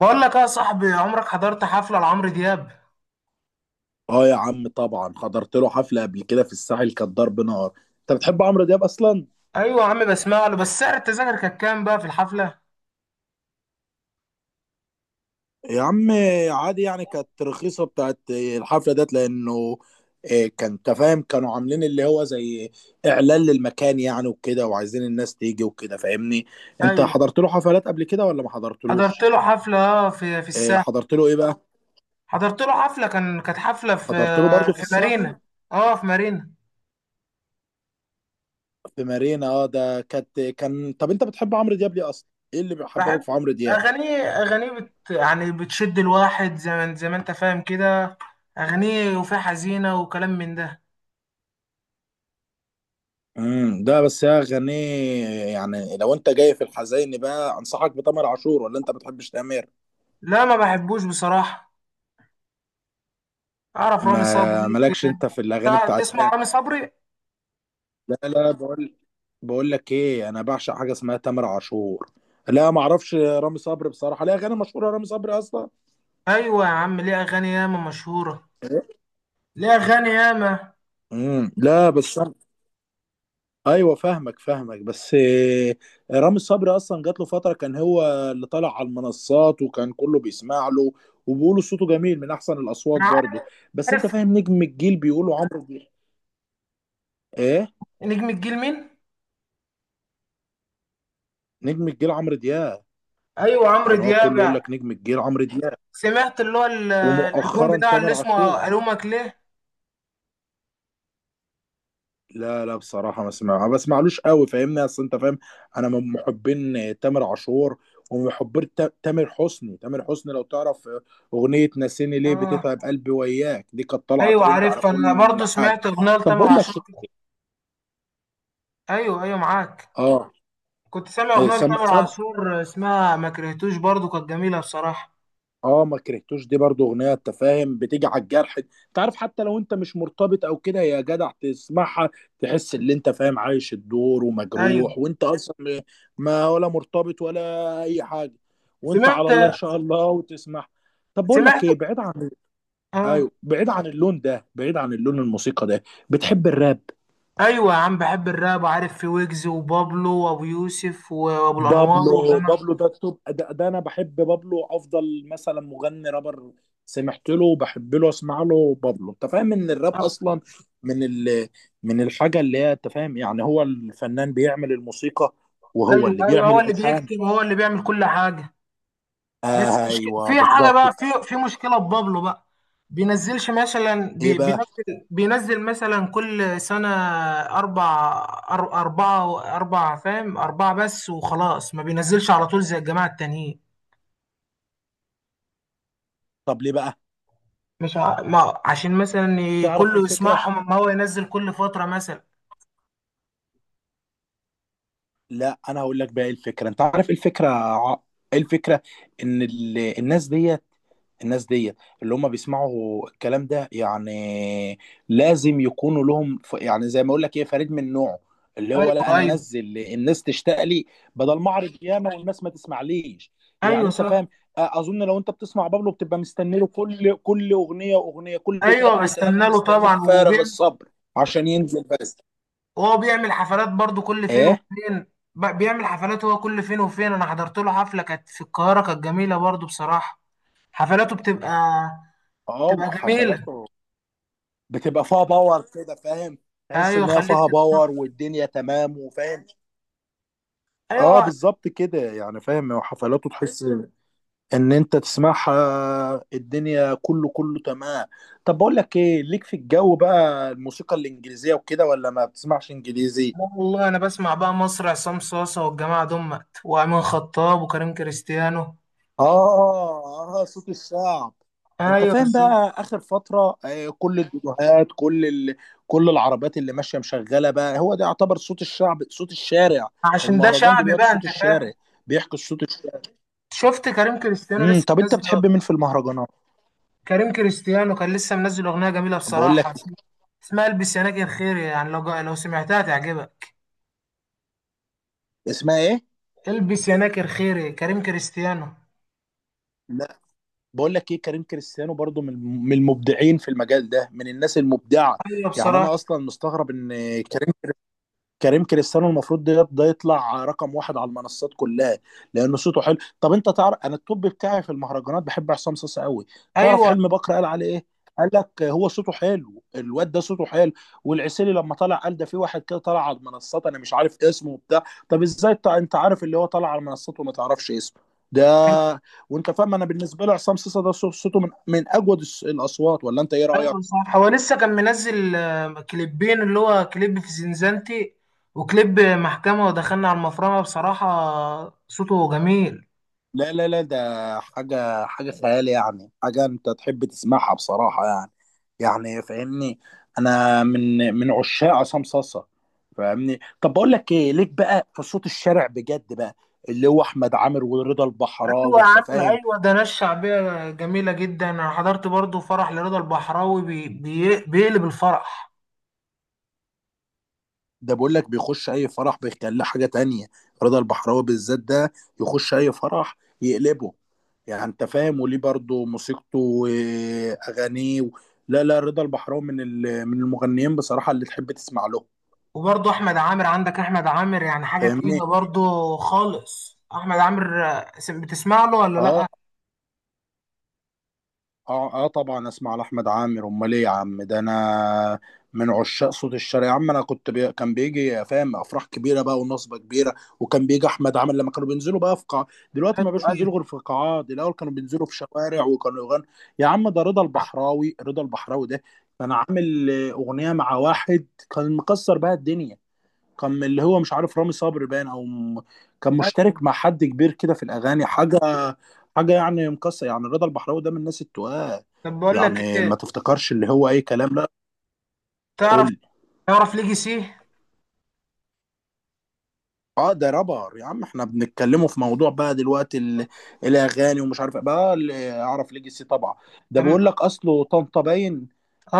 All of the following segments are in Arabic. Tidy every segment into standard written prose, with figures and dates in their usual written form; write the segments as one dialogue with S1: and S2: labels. S1: بقول لك إيه يا صاحبي، عمرك حضرت حفلة لعمرو دياب؟
S2: اه يا عم، طبعا حضرت له حفلة قبل كده في الساحل، كانت ضرب نار. انت بتحب عمرو دياب اصلا؟
S1: ايوه يا عم، بسمع له. بس سعر التذاكر كان كام بقى في الحفلة؟
S2: يا عم، عادي يعني، كانت رخيصة بتاعت الحفلة ديت لانه كان تفاهم، كانوا عاملين اللي هو زي اعلان للمكان يعني، وكده، وعايزين الناس تيجي وكده، فاهمني؟ انت
S1: ايوه،
S2: حضرت له حفلات قبل كده ولا ما
S1: حضرت
S2: حضرتلوش؟
S1: له حفلة، في الساحل.
S2: حضرت له ايه بقى؟
S1: حضرت له حفلة كانت حفلة في
S2: حضرت له برضه في الساحل،
S1: مارينا. اه، في مارينا.
S2: في مارينا. اه، ده كانت كان طب انت بتحب عمرو دياب ليه اصلا؟ ايه اللي بيحببك
S1: بحب
S2: في عمرو دياب؟
S1: اغانيه. يعني بتشد الواحد، زي ما انت فاهم كده. اغانيه، وفيها حزينة وكلام من ده.
S2: ده بس يا غني. يعني لو انت جاي في الحزين بقى، انصحك بتامر عاشور. ولا انت بتحبش تامر؟
S1: لا، ما بحبوش بصراحة. اعرف رامي
S2: ما
S1: صبري.
S2: مالكش انت في الاغاني بتاعت
S1: تسمع
S2: تامر؟
S1: رامي صبري؟
S2: لا لا، بقول لك ايه؟ انا بعشق حاجه اسمها تامر عاشور. لا، ما اعرفش رامي صبري بصراحه. لا، اغاني مشهوره رامي صبري اصلا؟
S1: ايوه يا عم، ليه اغاني ياما مشهورة. ليه اغاني ياما.
S2: لا بس. ايوه فاهمك فاهمك، بس رامي صبري اصلا جات له فتره كان هو اللي طالع على المنصات، وكان كله بيسمع له، وبيقولوا صوته جميل من احسن الاصوات
S1: انا
S2: برضه. بس انت
S1: عارف.
S2: فاهم نجم الجيل بيقولوا عمرو دياب. ايه؟
S1: نجم الجيل مين؟
S2: نجم الجيل عمرو دياب.
S1: ايوه، عمرو
S2: يعني هو
S1: دياب.
S2: كله يقول لك نجم الجيل عمرو دياب.
S1: سمعت اللي هو الالبوم
S2: ومؤخرا
S1: بتاع اللي
S2: تامر عاشور.
S1: اسمه الومك ليه.
S2: لا لا بصراحة، ما بسمعلوش قوي، فاهمني؟ اصل انت فاهم، انا من محبين تامر عاشور ومن محبين تامر حسني. تامر حسني، لو تعرف اغنية ناسيني ليه
S1: اه.
S2: بتتعب قلبي وياك، دي كانت طالعة
S1: ايوه
S2: ترند على
S1: عارف، انا
S2: كل
S1: برضو
S2: حاجة.
S1: سمعت اغنيه
S2: طب
S1: لتامر
S2: بقول لك
S1: عاشور كده.
S2: إيه؟
S1: ايوه ايوه، معاك.
S2: اه.
S1: كنت سامع
S2: إيه،
S1: اغنيه
S2: سامع
S1: لتامر
S2: سامع.
S1: عاشور اسمها ما كرهتوش، برضو كانت جميله بصراحه.
S2: اه، ما كرهتوش دي برضو اغنيه. انت فاهم، بتيجي على الجرح. انت عارف، حتى لو انت مش مرتبط او كده يا جدع، تسمعها تحس ان انت فاهم، عايش الدور
S1: ايوه.
S2: ومجروح وانت اصلا ما ولا مرتبط ولا اي حاجه. وانت
S1: سمعت
S2: على الله ان شاء الله وتسمع. طب بقول لك
S1: سمعت
S2: ايه، بعيد عن...
S1: اه.
S2: ايوه، بعيد عن اللون ده، بعيد عن اللون الموسيقى ده، بتحب الراب؟
S1: ايوه يا عم، بحب الراب، وعارف في ويجز وبابلو وابو يوسف وابو الانوار
S2: بابلو،
S1: والجماعه.
S2: بابلو ده التوب، ده انا بحب بابلو افضل مثلا مغني رابر. سمعت له وبحب له، اسمع له بابلو. انت فاهم ان الراب
S1: آه.
S2: اصلا من ال من الحاجه اللي هي، انت فاهم يعني، هو الفنان بيعمل الموسيقى وهو
S1: ايوه
S2: اللي
S1: ايوه،
S2: بيعمل
S1: هو اللي
S2: الالحان.
S1: بيكتب وهو اللي بيعمل كل حاجه. بس
S2: آه
S1: مشكلة
S2: ايوه،
S1: في حاجة بقى،
S2: بالظبط.
S1: في مشكلة ببابلو بقى. بينزلش مثلا،
S2: ايه بقى؟
S1: بينزل مثلا كل سنة أربعة فاهم، أربعة بس وخلاص. ما بينزلش على طول زي الجماعة التانيين.
S2: طب ليه بقى؟
S1: مش ع... ما عشان مثلا
S2: تعرف ايه
S1: كله
S2: الفكره؟
S1: يسمعهم، أما هو ينزل كل فترة مثلا.
S2: لا، انا هقول لك بقى ايه الفكره. انت عارف إيه الفكره؟ ايه الفكره؟ ان الناس ديت، الناس ديت اللي هم بيسمعوا الكلام ده يعني، لازم يكونوا لهم يعني زي ما اقول لك ايه، فريد من نوعه. اللي
S1: أيوه.
S2: هو، لا انا
S1: أيوه.
S2: انزل، الناس تشتاق لي، بدل ما اعرض ياما والناس ما تسمعليش. يعني
S1: أيوه،
S2: انت فاهم؟
S1: صح.
S2: اظن لو انت بتسمع بابلو بتبقى مستني له كل اغنيه واغنيه، كل تراك
S1: أيوه، بستنى
S2: وتراك،
S1: له
S2: مستنيه
S1: طبعا.
S2: بفارغ الصبر عشان ينزل بس.
S1: وهو بيعمل حفلات برضو كل فين
S2: ايه؟
S1: وفين. بيعمل حفلات هو كل فين وفين. انا حضرت له حفلة كانت في القاهرة، كانت جميلة برضو بصراحة. حفلاته بتبقى،
S2: اه، حفلات
S1: جميلة.
S2: بتبقى فيها باور كده، فاهم؟ تحس
S1: ايوه،
S2: ان هي
S1: خليك
S2: فيها باور، والدنيا تمام، وفاهم.
S1: ايوه،
S2: اه
S1: لا.
S2: بالظبط كده، يعني فاهم؟ وحفلاته تحس ان انت تسمعها، الدنيا كله كله تمام. طب بقول لك ايه، ليك في الجو بقى الموسيقى الانجليزيه وكده؟ ولا ما بتسمعش انجليزي؟
S1: والله انا بسمع بقى مصر، عصام صاصة والجماعة دمت وامين خطاب وكريم كريستيانو.
S2: اه اه، صوت الشعب. انت
S1: ايوه
S2: فاهم
S1: بالظبط.
S2: بقى اخر فتره، كل الفيديوهات، كل العربيات اللي ماشيه مشغله بقى، هو ده يعتبر صوت الشعب، صوت الشارع.
S1: عشان ده
S2: المهرجان
S1: شعبي
S2: دلوقتي
S1: بقى،
S2: صوت
S1: انت
S2: الشارع،
S1: فاهم.
S2: بيحكي صوت الشارع.
S1: شفت كريم كريستيانو لسه
S2: طب انت
S1: منزل؟
S2: بتحب مين في المهرجانات؟
S1: كريم كريستيانو كان لسه منزل اغنية جميلة
S2: بقول
S1: بصراحة
S2: لك،
S1: اسمها. اسمها البس يا ناجي الخير، يعني لو سمعتها تعجبك.
S2: اسمها ايه؟
S1: البس يا ناكر خيري، كريم كريستيانو.
S2: لا، بقول لك ايه، كريم كريستيانو برضو من المبدعين في المجال ده، من الناس المبدعه.
S1: ايوه
S2: يعني انا
S1: بصراحه.
S2: اصلا مستغرب ان كريم كريم كريستيانو المفروض ده يطلع رقم واحد على المنصات كلها لان صوته حلو. طب انت تعرف، انا التوب بتاعي في المهرجانات بحب عصام صاصا قوي. تعرف
S1: ايوه
S2: حلمي بكر قال عليه ايه؟ قال لك هو صوته حلو، الواد ده صوته حلو. والعسيلي لما طلع قال ده في واحد كده طلع على المنصات، انا مش عارف اسمه وبتاع. طب ازاي انت عارف اللي هو طلع على المنصات وما تعرفش اسمه ده؟
S1: كان.
S2: وانت فاهم، انا بالنسبه لي عصام صاصا ده صوته من اجود الاصوات. ولا انت ايه رايك؟
S1: ايوه صح، هو لسه كان منزل كليبين، اللي هو كليب في زنزانتي وكليب محكمه ودخلنا على المفرمه. بصراحه صوته جميل.
S2: لا لا لا، ده حاجة حاجة خيال، يعني حاجة أنت تحب تسمعها بصراحة يعني. يعني فاهمني؟ أنا من عشاق عصام صاصة. فاهمني؟ طب بقول لك إيه، ليك بقى في صوت الشارع بجد بقى، اللي هو أحمد عامر ورضا
S1: ايوه
S2: البحراوي،
S1: يا
S2: أنت
S1: عم،
S2: فاهم؟
S1: ايوه، ده ناس شعبيه جميله جدا. انا حضرت برضو فرح لرضا البحراوي، بي بي بيقلب الفرح.
S2: ده بقول لك بيخش اي فرح بيخليه حاجه تانية. رضا البحراوي بالذات ده، يخش اي فرح يقلبه. يعني انت فاهم؟ وليه برضه موسيقته واغانيه و... لا لا، رضا البحراوي من المغنيين بصراحه اللي تحب تسمع له.
S1: وبرضو احمد عامر. عندك احمد عامر، يعني حاجه
S2: فاهمني؟
S1: تقيله برضو خالص. احمد عامر، بتسمع له ولا لا؟
S2: اه. اه اه طبعا، اسمع لاحمد عامر، امال ايه يا عم؟ ده انا من عشاق صوت الشارع يا عم. انا كنت كان بيجي، فاهم، افراح كبيره بقى ونصبه كبيره، وكان بيجي احمد عامر لما كانوا بينزلوا بقى في قاع. دلوقتي ما
S1: ايوه
S2: بقاش
S1: ايوه.
S2: ينزلوا غير في قاعات، الاول كانوا بينزلوا في شوارع وكانوا يغنوا. يا عم، ده رضا البحراوي. رضا البحراوي ده كان عامل اغنيه مع واحد كان مكسر بقى الدنيا. كان من، اللي هو مش عارف، رامي صبري باين او كان مشترك
S1: أيوة.
S2: مع حد كبير كده في الاغاني، حاجه حاجه يعني مكسر، يعني رضا البحراوي ده من الناس التقال،
S1: طب بقول لك
S2: يعني
S1: ايه؟
S2: ما تفتكرش اللي هو اي كلام لا. قول
S1: تعرف
S2: لي.
S1: تعرف ليجاسي؟
S2: اه، ده رابر يا عم، احنا بنتكلموا في موضوع بقى دلوقتي، الاغاني ومش عارف إيه. بقى اللي اعرف ليجاسي طبعا، ده
S1: تم.
S2: بيقول لك اصله طنطا باين.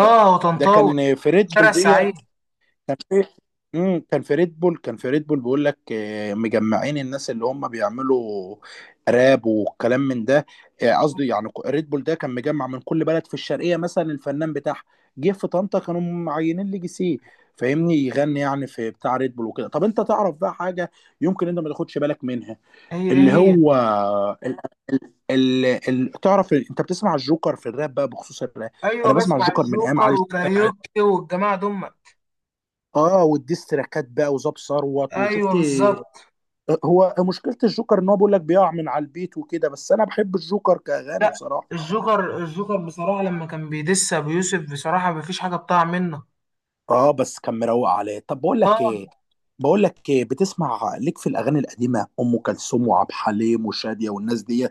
S2: ده, ده
S1: وطنطاوي.
S2: كان في ريد
S1: شارع
S2: بول دي.
S1: السعيد.
S2: كان في... كان في ريد بول، بيقول لك مجمعين الناس اللي هم بيعملوا راب والكلام من ده. قصدي يعني ريد بول ده كان مجمع من كل بلد في الشرقيه، مثلا الفنان بتاعها جه في طنطا. كانوا معينين لي جي سي، فاهمني؟ يغني يعني في بتاع ريد بول وكده. طب انت تعرف بقى حاجه يمكن انت ما تاخدش بالك منها،
S1: هي ايه؟
S2: اللي
S1: هي
S2: هو ال... تعرف انت بتسمع الجوكر في الراب بقى؟ بخصوص الراب،
S1: ايوه،
S2: انا بسمع
S1: بسمع
S2: الجوكر من ايام
S1: الجوكر
S2: علي الشاعر.
S1: وكاريوكي والجماعه دول.
S2: اه، والديستراكات بقى وزاب ثروت
S1: ايوه
S2: وشفت.
S1: بالظبط.
S2: هو مشكله الجوكر ان هو بيقول لك بيقع من على البيت وكده، بس انا بحب الجوكر كاغاني
S1: لا،
S2: بصراحه.
S1: الجوكر بصراحه، لما كان بيدس ابو يوسف، بصراحه مفيش حاجه بتاع منه.
S2: اه بس كان مروق عليه. طب بقول
S1: اه.
S2: لك ايه، بقول لك ايه، بتسمع ليك في الاغاني القديمه، ام كلثوم وعبد الحليم وشاديه والناس دي؟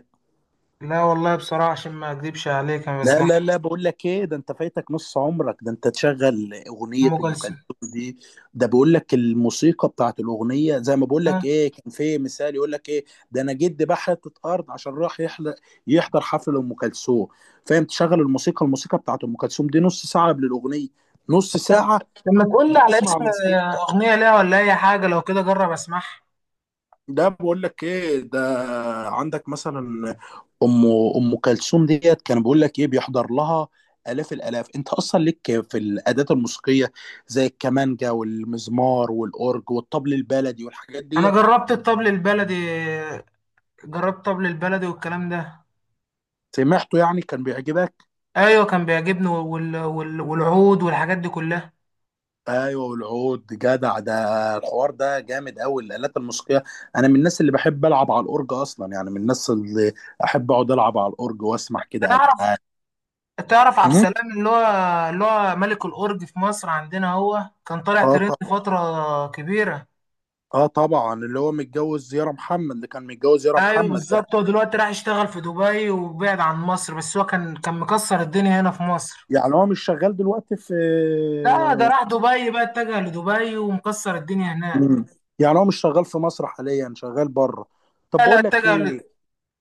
S1: لا والله بصراحه، عشان ما اكذبش عليك، انا
S2: لا
S1: بسمع
S2: لا لا، بقول لك ايه، ده انت فايتك نص عمرك. ده انت تشغل اغنيه
S1: ام
S2: ام
S1: كلثوم.
S2: كلثوم دي، ده بقول لك الموسيقى بتاعت الاغنيه، زي ما بقول لك
S1: آه.
S2: ايه، كان في مثال يقول لك ايه، ده انا جدي باع حته ارض عشان راح يحضر حفل ام كلثوم. فاهم؟ تشغل الموسيقى، الموسيقى بتاعت ام كلثوم دي نص ساعه قبل الاغنيه. نص ساعه
S1: لما تقول لي على
S2: بتسمع
S1: اسم
S2: الموسيقى.
S1: اغنيه ليها ولا اي حاجه لو كده، جرب اسمعها.
S2: ده بقول لك ايه، ده عندك مثلا ام ام كلثوم ديت كان بيقول لك ايه، بيحضر لها الاف الالاف. انت اصلا ليك في الادوات الموسيقيه زي الكمانجا والمزمار والاورج والطبل البلدي والحاجات
S1: انا
S2: ديت؟
S1: جربت الطبل البلدي. جربت طبل البلدي والكلام ده.
S2: سمعته يعني؟ كان بيعجبك؟
S1: ايوه كان بيعجبني والعود والحاجات دي كلها.
S2: ايوه، والعود جدع ده. الحوار ده جامد قوي الالات الموسيقيه. انا من الناس اللي بحب العب على الاورج اصلا، يعني من الناس اللي احب اقعد العب على الاورج واسمع كده
S1: تعرف
S2: الحان.
S1: تعرف عبد
S2: مهم.
S1: السلام، اللي هو ملك الاورج في مصر عندنا. هو كان طالع
S2: اه
S1: ترند
S2: طبعا.
S1: فتره كبيره.
S2: اه طبعا، اللي هو متجوز يارا محمد، اللي كان متجوز يارا
S1: ايوه
S2: محمد.
S1: بالظبط. هو دلوقتي راح يشتغل في دبي وبعد عن مصر. بس هو كان مكسر الدنيا هنا في مصر.
S2: يعني هو مش شغال دلوقتي في...
S1: لا، ده راح دبي بقى. اتجه لدبي ومكسر الدنيا هناك.
S2: مم. يعني هو مش شغال في مصر حاليا، شغال بره. طب
S1: لا لا،
S2: بقول لك
S1: اتجه
S2: ايه.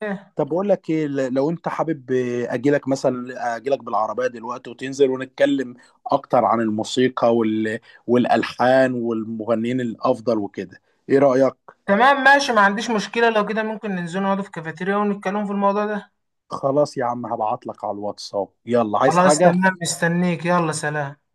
S1: إيه.
S2: طب بقول لك ايه، لو انت حابب اجي لك مثلا، اجي لك بالعربيه دلوقتي وتنزل ونتكلم اكتر عن الموسيقى والالحان والمغنيين الافضل وكده. ايه رايك؟
S1: تمام ماشي، ما عنديش مشكله. لو كده، ممكن ننزل نقعد في كافيتيريا ونتكلم في الموضوع ده.
S2: خلاص يا عم، هبعت لك على الواتساب. يلا، عايز
S1: خلاص
S2: حاجه؟
S1: تمام، مستنيك. يلا سلام.